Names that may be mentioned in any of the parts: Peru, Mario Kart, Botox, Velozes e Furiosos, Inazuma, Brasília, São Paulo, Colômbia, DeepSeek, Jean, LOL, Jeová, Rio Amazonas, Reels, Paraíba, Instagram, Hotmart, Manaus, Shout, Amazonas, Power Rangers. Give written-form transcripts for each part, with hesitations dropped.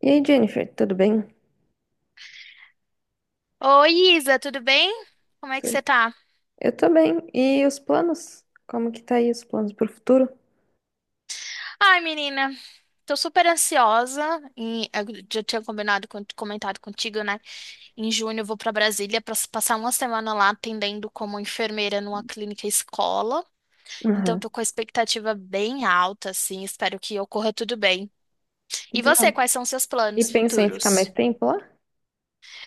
E aí, Jennifer, tudo bem? Oi, Isa, tudo bem? Como é que você Tu- tá? Eu tô bem. E os planos? Como que tá aí os planos pro futuro? Ai, menina, tô super ansiosa. E eu já tinha combinado, comentado contigo, né? Em junho eu vou pra Brasília pra passar uma semana lá atendendo como enfermeira numa clínica escola. Então, eu Uhum. tô com a expectativa bem alta, assim. Espero que ocorra tudo bem. Que E você, legal. quais são seus E planos pensa em ficar mais futuros? tempo lá?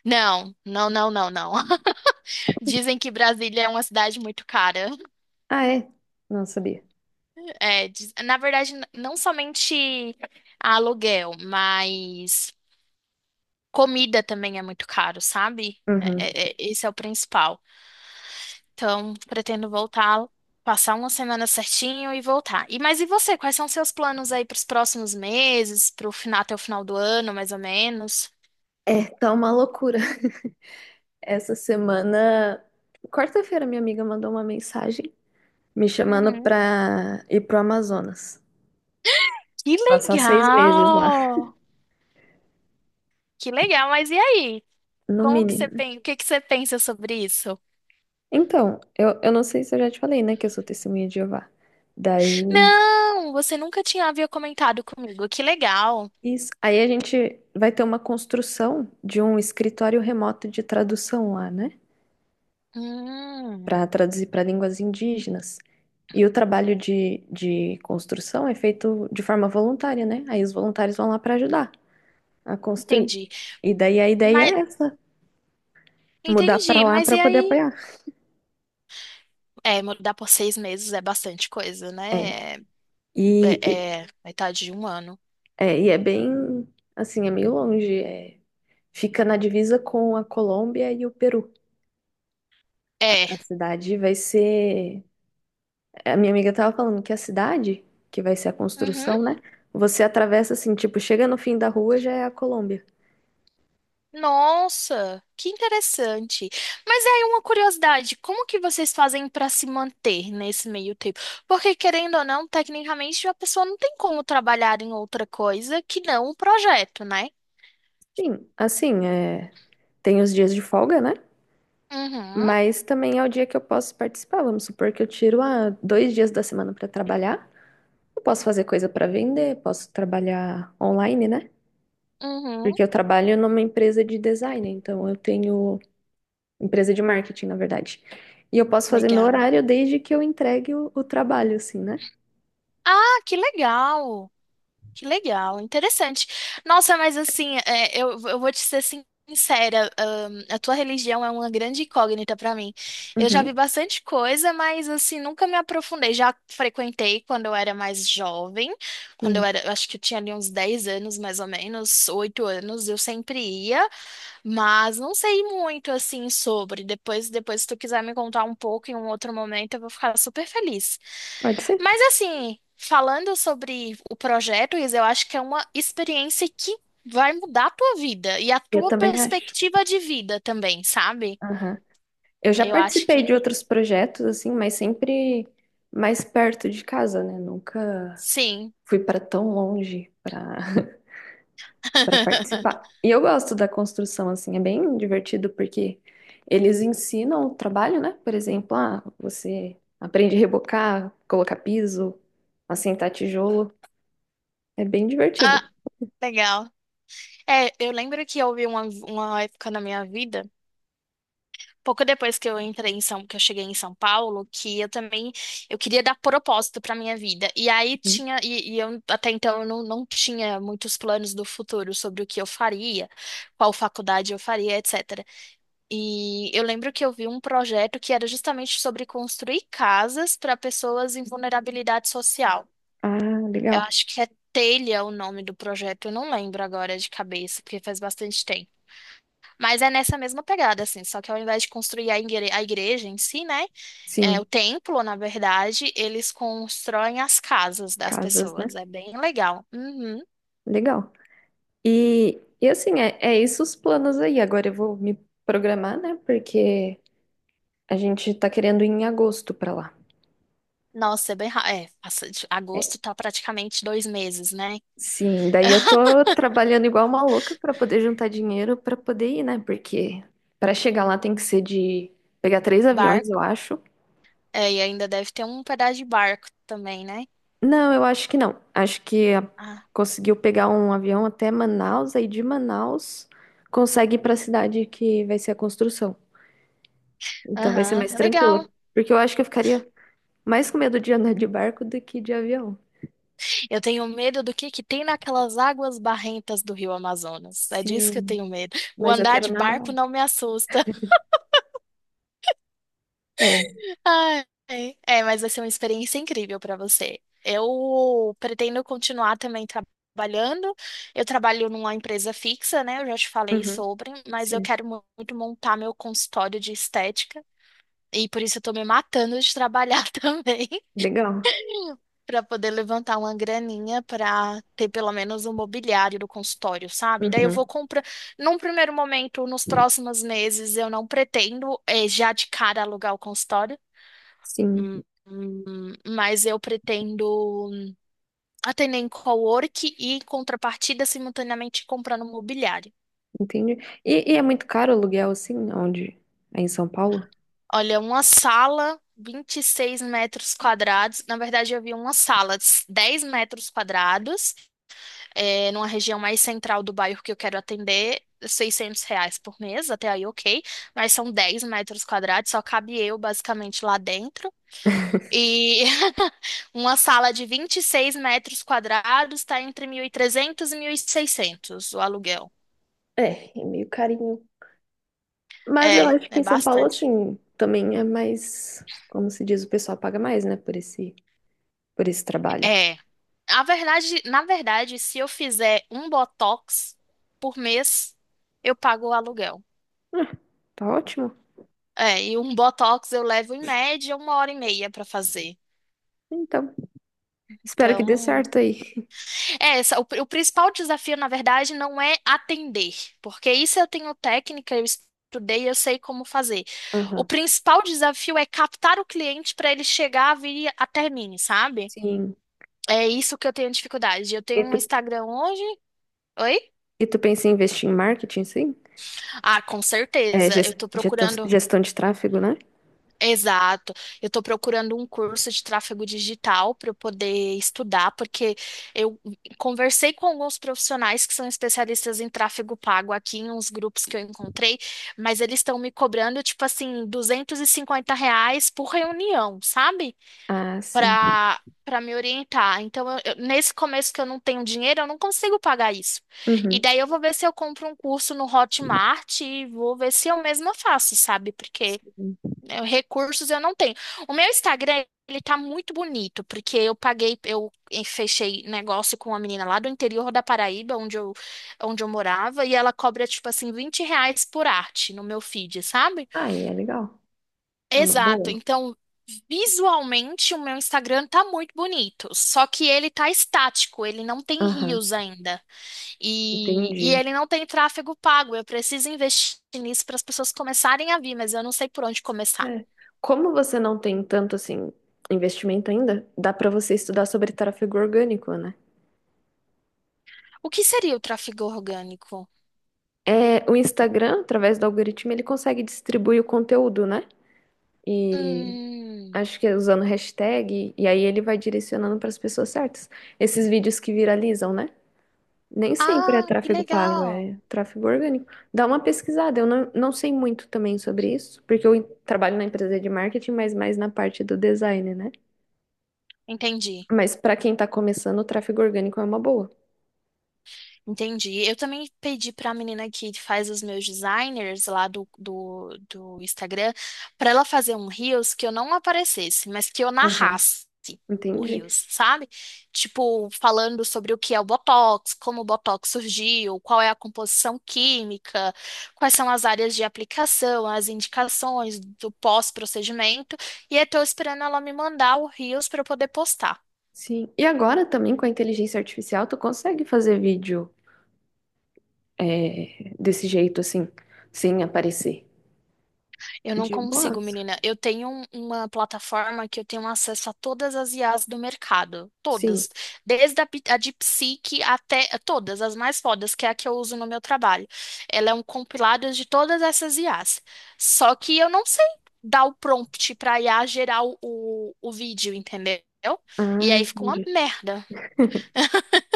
Não, não, não, não, não. Dizem que Brasília é uma cidade muito cara. Ah, é? Não sabia. É, na verdade, não somente aluguel, mas comida também é muito caro, sabe? Uhum. Esse é o principal. Então, pretendo voltar, passar uma semana certinho e voltar. E mas e você? Quais são seus planos aí para os próximos meses, para o final, até o final do ano, mais ou menos? É, tá uma loucura. Essa semana, quarta-feira, minha amiga mandou uma mensagem me chamando Uhum. pra ir pro Amazonas. Que Passar 6 meses lá. legal! Que legal, mas e aí? No Como que você mínimo. pensa, o que que você pensa sobre isso? Então, eu não sei se eu já te falei, né, que eu sou testemunha de Jeová. Daí, Não, você nunca tinha havia comentado comigo. Que legal. isso. Aí a gente vai ter uma construção de um escritório remoto de tradução lá, né? Hum, Para traduzir para línguas indígenas. E o trabalho de construção é feito de forma voluntária, né? Aí os voluntários vão lá para ajudar a construir. Entendi. E daí a ideia Mas é essa, mudar para entendi, lá mas para e poder aí? apoiar. É, mudar por 6 meses é bastante coisa, É. né? É, E, e- é metade de um ano. É bem, assim, é meio longe. É. Fica na divisa com a Colômbia e o Peru. É. A cidade vai ser A minha amiga tava falando que a cidade, que vai ser a Uhum. construção, né? Você atravessa assim, tipo, chega no fim da rua, já é a Colômbia. Nossa, que interessante. Mas aí uma curiosidade, como que vocês fazem para se manter nesse meio tempo? Porque querendo ou não, tecnicamente a pessoa não tem como trabalhar em outra coisa que não o projeto, né? Sim, assim, tem os dias de folga, né? Uhum. Mas também é o dia que eu posso participar. Vamos supor que eu tiro 2 dias da semana para trabalhar. Eu posso fazer coisa para vender, posso trabalhar online, né? Uhum. Porque eu trabalho numa empresa de design, então eu tenho empresa de marketing, na verdade. E eu posso fazer meu Legal. horário desde que eu entregue o trabalho, assim, né? Ah, que legal. Que legal, interessante. Nossa, mas assim, é, eu vou te ser sincera, a tua religião é uma grande incógnita pra mim. Eu já Uhum, vi bastante coisa, mas assim, nunca me aprofundei. Já frequentei quando eu era mais jovem, quando eu sim, era, eu acho que eu tinha ali uns 10 anos, mais ou menos, 8 anos, eu sempre ia. Mas não sei muito assim sobre. Depois, se tu quiser me contar um pouco em um outro momento, eu vou ficar super feliz. pode ser. Mas assim, falando sobre o projeto, Isa, eu acho que é uma experiência que vai mudar a tua vida e a Eu tua também acho. perspectiva de vida também, sabe? Aham. Eu já Eu acho participei de que outros projetos, assim, mas sempre mais perto de casa, né? Nunca sim. fui para tão longe para para participar. E eu gosto da construção, assim, é bem divertido porque eles ensinam o trabalho, né? Por exemplo, você aprende a rebocar, colocar piso, assentar tijolo. É bem Ah, divertido. legal. É, eu lembro que houve uma época na minha vida, pouco depois que eu entrei em São, que eu cheguei em São Paulo, que eu também eu queria dar propósito para minha vida. E aí Uhum. tinha e eu até então eu não tinha muitos planos do futuro sobre o que eu faria, qual faculdade eu faria, etc. E eu lembro que eu vi um projeto que era justamente sobre construir casas para pessoas em vulnerabilidade social. Ah, Eu legal. acho que é Telha o nome do projeto, eu não lembro agora de cabeça, porque faz bastante tempo. Mas é nessa mesma pegada, assim, só que ao invés de construir a a igreja em si, né, é, Sim, o templo, na verdade, eles constroem as casas das casas, né? pessoas. É bem legal. Uhum. Legal. E assim, é isso os planos aí. Agora eu vou me programar, né? Porque a gente tá querendo ir em agosto pra lá. Nossa, é bem. É, Agosto tá praticamente 2 meses, né? sim, daí eu tô trabalhando igual uma louca pra poder juntar dinheiro pra poder ir, né? Porque pra chegar lá tem que ser de pegar três aviões, Barco. eu acho. É, e ainda deve ter um pedaço de barco também, né? Não, eu acho que não. Ah, Conseguiu pegar um avião até Manaus, aí de Manaus consegue ir pra cidade que vai ser a construção. Então vai ser aham, mais é legal. tranquilo. Porque eu acho que eu ficaria mais com medo de andar de barco do que de avião. Eu tenho medo do que tem naquelas águas barrentas do Rio Amazonas. É disso que eu Sim, tenho medo. O mas eu andar quero de nadar barco lá. não me assusta. É. Ai, é, mas vai ser uma experiência incrível para você. Eu pretendo continuar também trabalhando. Eu trabalho numa empresa fixa, né? Eu já te falei Uhum. sobre, mas eu Sim. quero muito montar meu consultório de estética e por isso eu tô me matando de trabalhar também Legal. para poder levantar uma graninha para ter pelo menos um mobiliário do consultório, sabe? Daí eu Uhum. vou comprar. Num primeiro momento, nos próximos meses, eu não pretendo já de cara alugar o consultório. Sim, Mas eu pretendo atender em cowork e, em contrapartida, simultaneamente comprando mobiliário. entendi. E é muito caro o aluguel, assim, onde? É em São Paulo? Olha, uma sala, 26 metros quadrados. Na verdade, eu vi uma sala, de 10 metros quadrados, é, numa região mais central do bairro que eu quero atender. R$ 600 por mês, até aí ok, mas são 10 metros quadrados, só cabe eu basicamente lá dentro. E uma sala de 26 metros quadrados está entre 1.300 e 1.600 o aluguel. É meio carinho. Mas eu É, acho que é em São Paulo, bastante. assim, também é mais, como se diz, o pessoal paga mais, né, por esse trabalho. É. Na verdade, se eu fizer um botox por mês, eu pago o aluguel. Ah, tá ótimo. É, e um botox eu levo em média 1h30 para fazer. Então, espero que dê Então, certo aí. é, o principal desafio, na verdade, não é atender, porque isso eu tenho técnica, eu estudei, eu sei como fazer. O Aham. principal desafio é captar o cliente para ele chegar a vir até mim, sabe? Sim. É isso que eu tenho dificuldade. Eu E tenho um tu, Instagram hoje. Oi? e tu pensa em investir em marketing, sim? Ah, com É, certeza. Eu tô procurando. gestão de tráfego, né? Exato. Eu estou procurando um curso de tráfego digital para eu poder estudar, porque eu conversei com alguns profissionais que são especialistas em tráfego pago aqui em uns grupos que eu encontrei, mas eles estão me cobrando, tipo assim, R$ 250 por reunião, sabe? Ah, sim. Para me orientar. Então, nesse começo que eu não tenho dinheiro, eu não consigo pagar isso. E Uhum. daí eu vou ver se eu compro um curso no Hotmart e vou ver se eu mesma faço, sabe? Porque Sim. é, recursos eu não tenho. O meu Instagram, ele tá muito bonito, porque eu paguei, eu fechei negócio com uma menina lá do interior da Paraíba, onde eu morava, e ela cobra, tipo assim, R$ 20 por arte no meu feed, sabe? Ah, e é legal. É uma Exato. boa. Então, visualmente, o meu Instagram tá muito bonito, só que ele tá estático, ele não tem Aham, rios ainda. E entendi. ele não tem tráfego pago. Eu preciso investir nisso para as pessoas começarem a vir, mas eu não sei por onde começar. É. Como você não tem tanto assim investimento ainda, dá para você estudar sobre tráfego orgânico, né? O que seria o tráfego orgânico? É, o Instagram, através do algoritmo, ele consegue distribuir o conteúdo, né? E Hum. acho que é usando hashtag, e aí ele vai direcionando para as pessoas certas. Esses vídeos que viralizam, né? Nem sempre é Ah, que tráfego pago, legal. é tráfego orgânico. Dá uma pesquisada, eu não sei muito também sobre isso, porque eu trabalho na empresa de marketing, mas mais na parte do design, né? Entendi. Mas para quem tá começando, o tráfego orgânico é uma boa. Entendi. Eu também pedi para a menina que faz os meus designers lá do Instagram para ela fazer um Reels que eu não aparecesse, mas que eu Aham. narrasse o Entendi. Reels, sabe? Tipo, falando sobre o que é o Botox, como o Botox surgiu, qual é a composição química, quais são as áreas de aplicação, as indicações do pós-procedimento. E eu estou esperando ela me mandar o Reels para eu poder postar. Sim. E agora também com a inteligência artificial, tu consegue fazer vídeo desse jeito assim, sem aparecer. Eu não De consigo, boas. menina. Eu tenho uma plataforma que eu tenho acesso a todas as IAs do mercado. Sim. Todas. Desde a DeepSeek até todas, as mais fodas, que é a que eu uso no meu trabalho. Ela é um compilado de todas essas IAs. Só que eu não sei dar o prompt para IA gerar o vídeo, entendeu? E Ah, aí fica uma entendi. merda.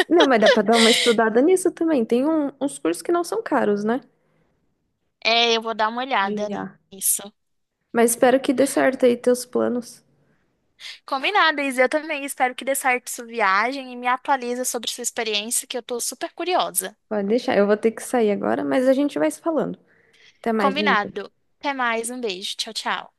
Não, mas dá pra dar uma estudada nisso também. Uns cursos que não são caros, né? É, eu vou dar uma De olhada IA. nisso. Mas espero que dê certo aí teus planos. Combinado, Isa. Eu também espero que dê certo sua viagem e me atualiza sobre sua experiência, que eu tô super curiosa. Pode deixar. Eu vou ter que sair agora, mas a gente vai se falando. Até mais, Jennifer. Combinado. Até mais, um beijo. Tchau, tchau.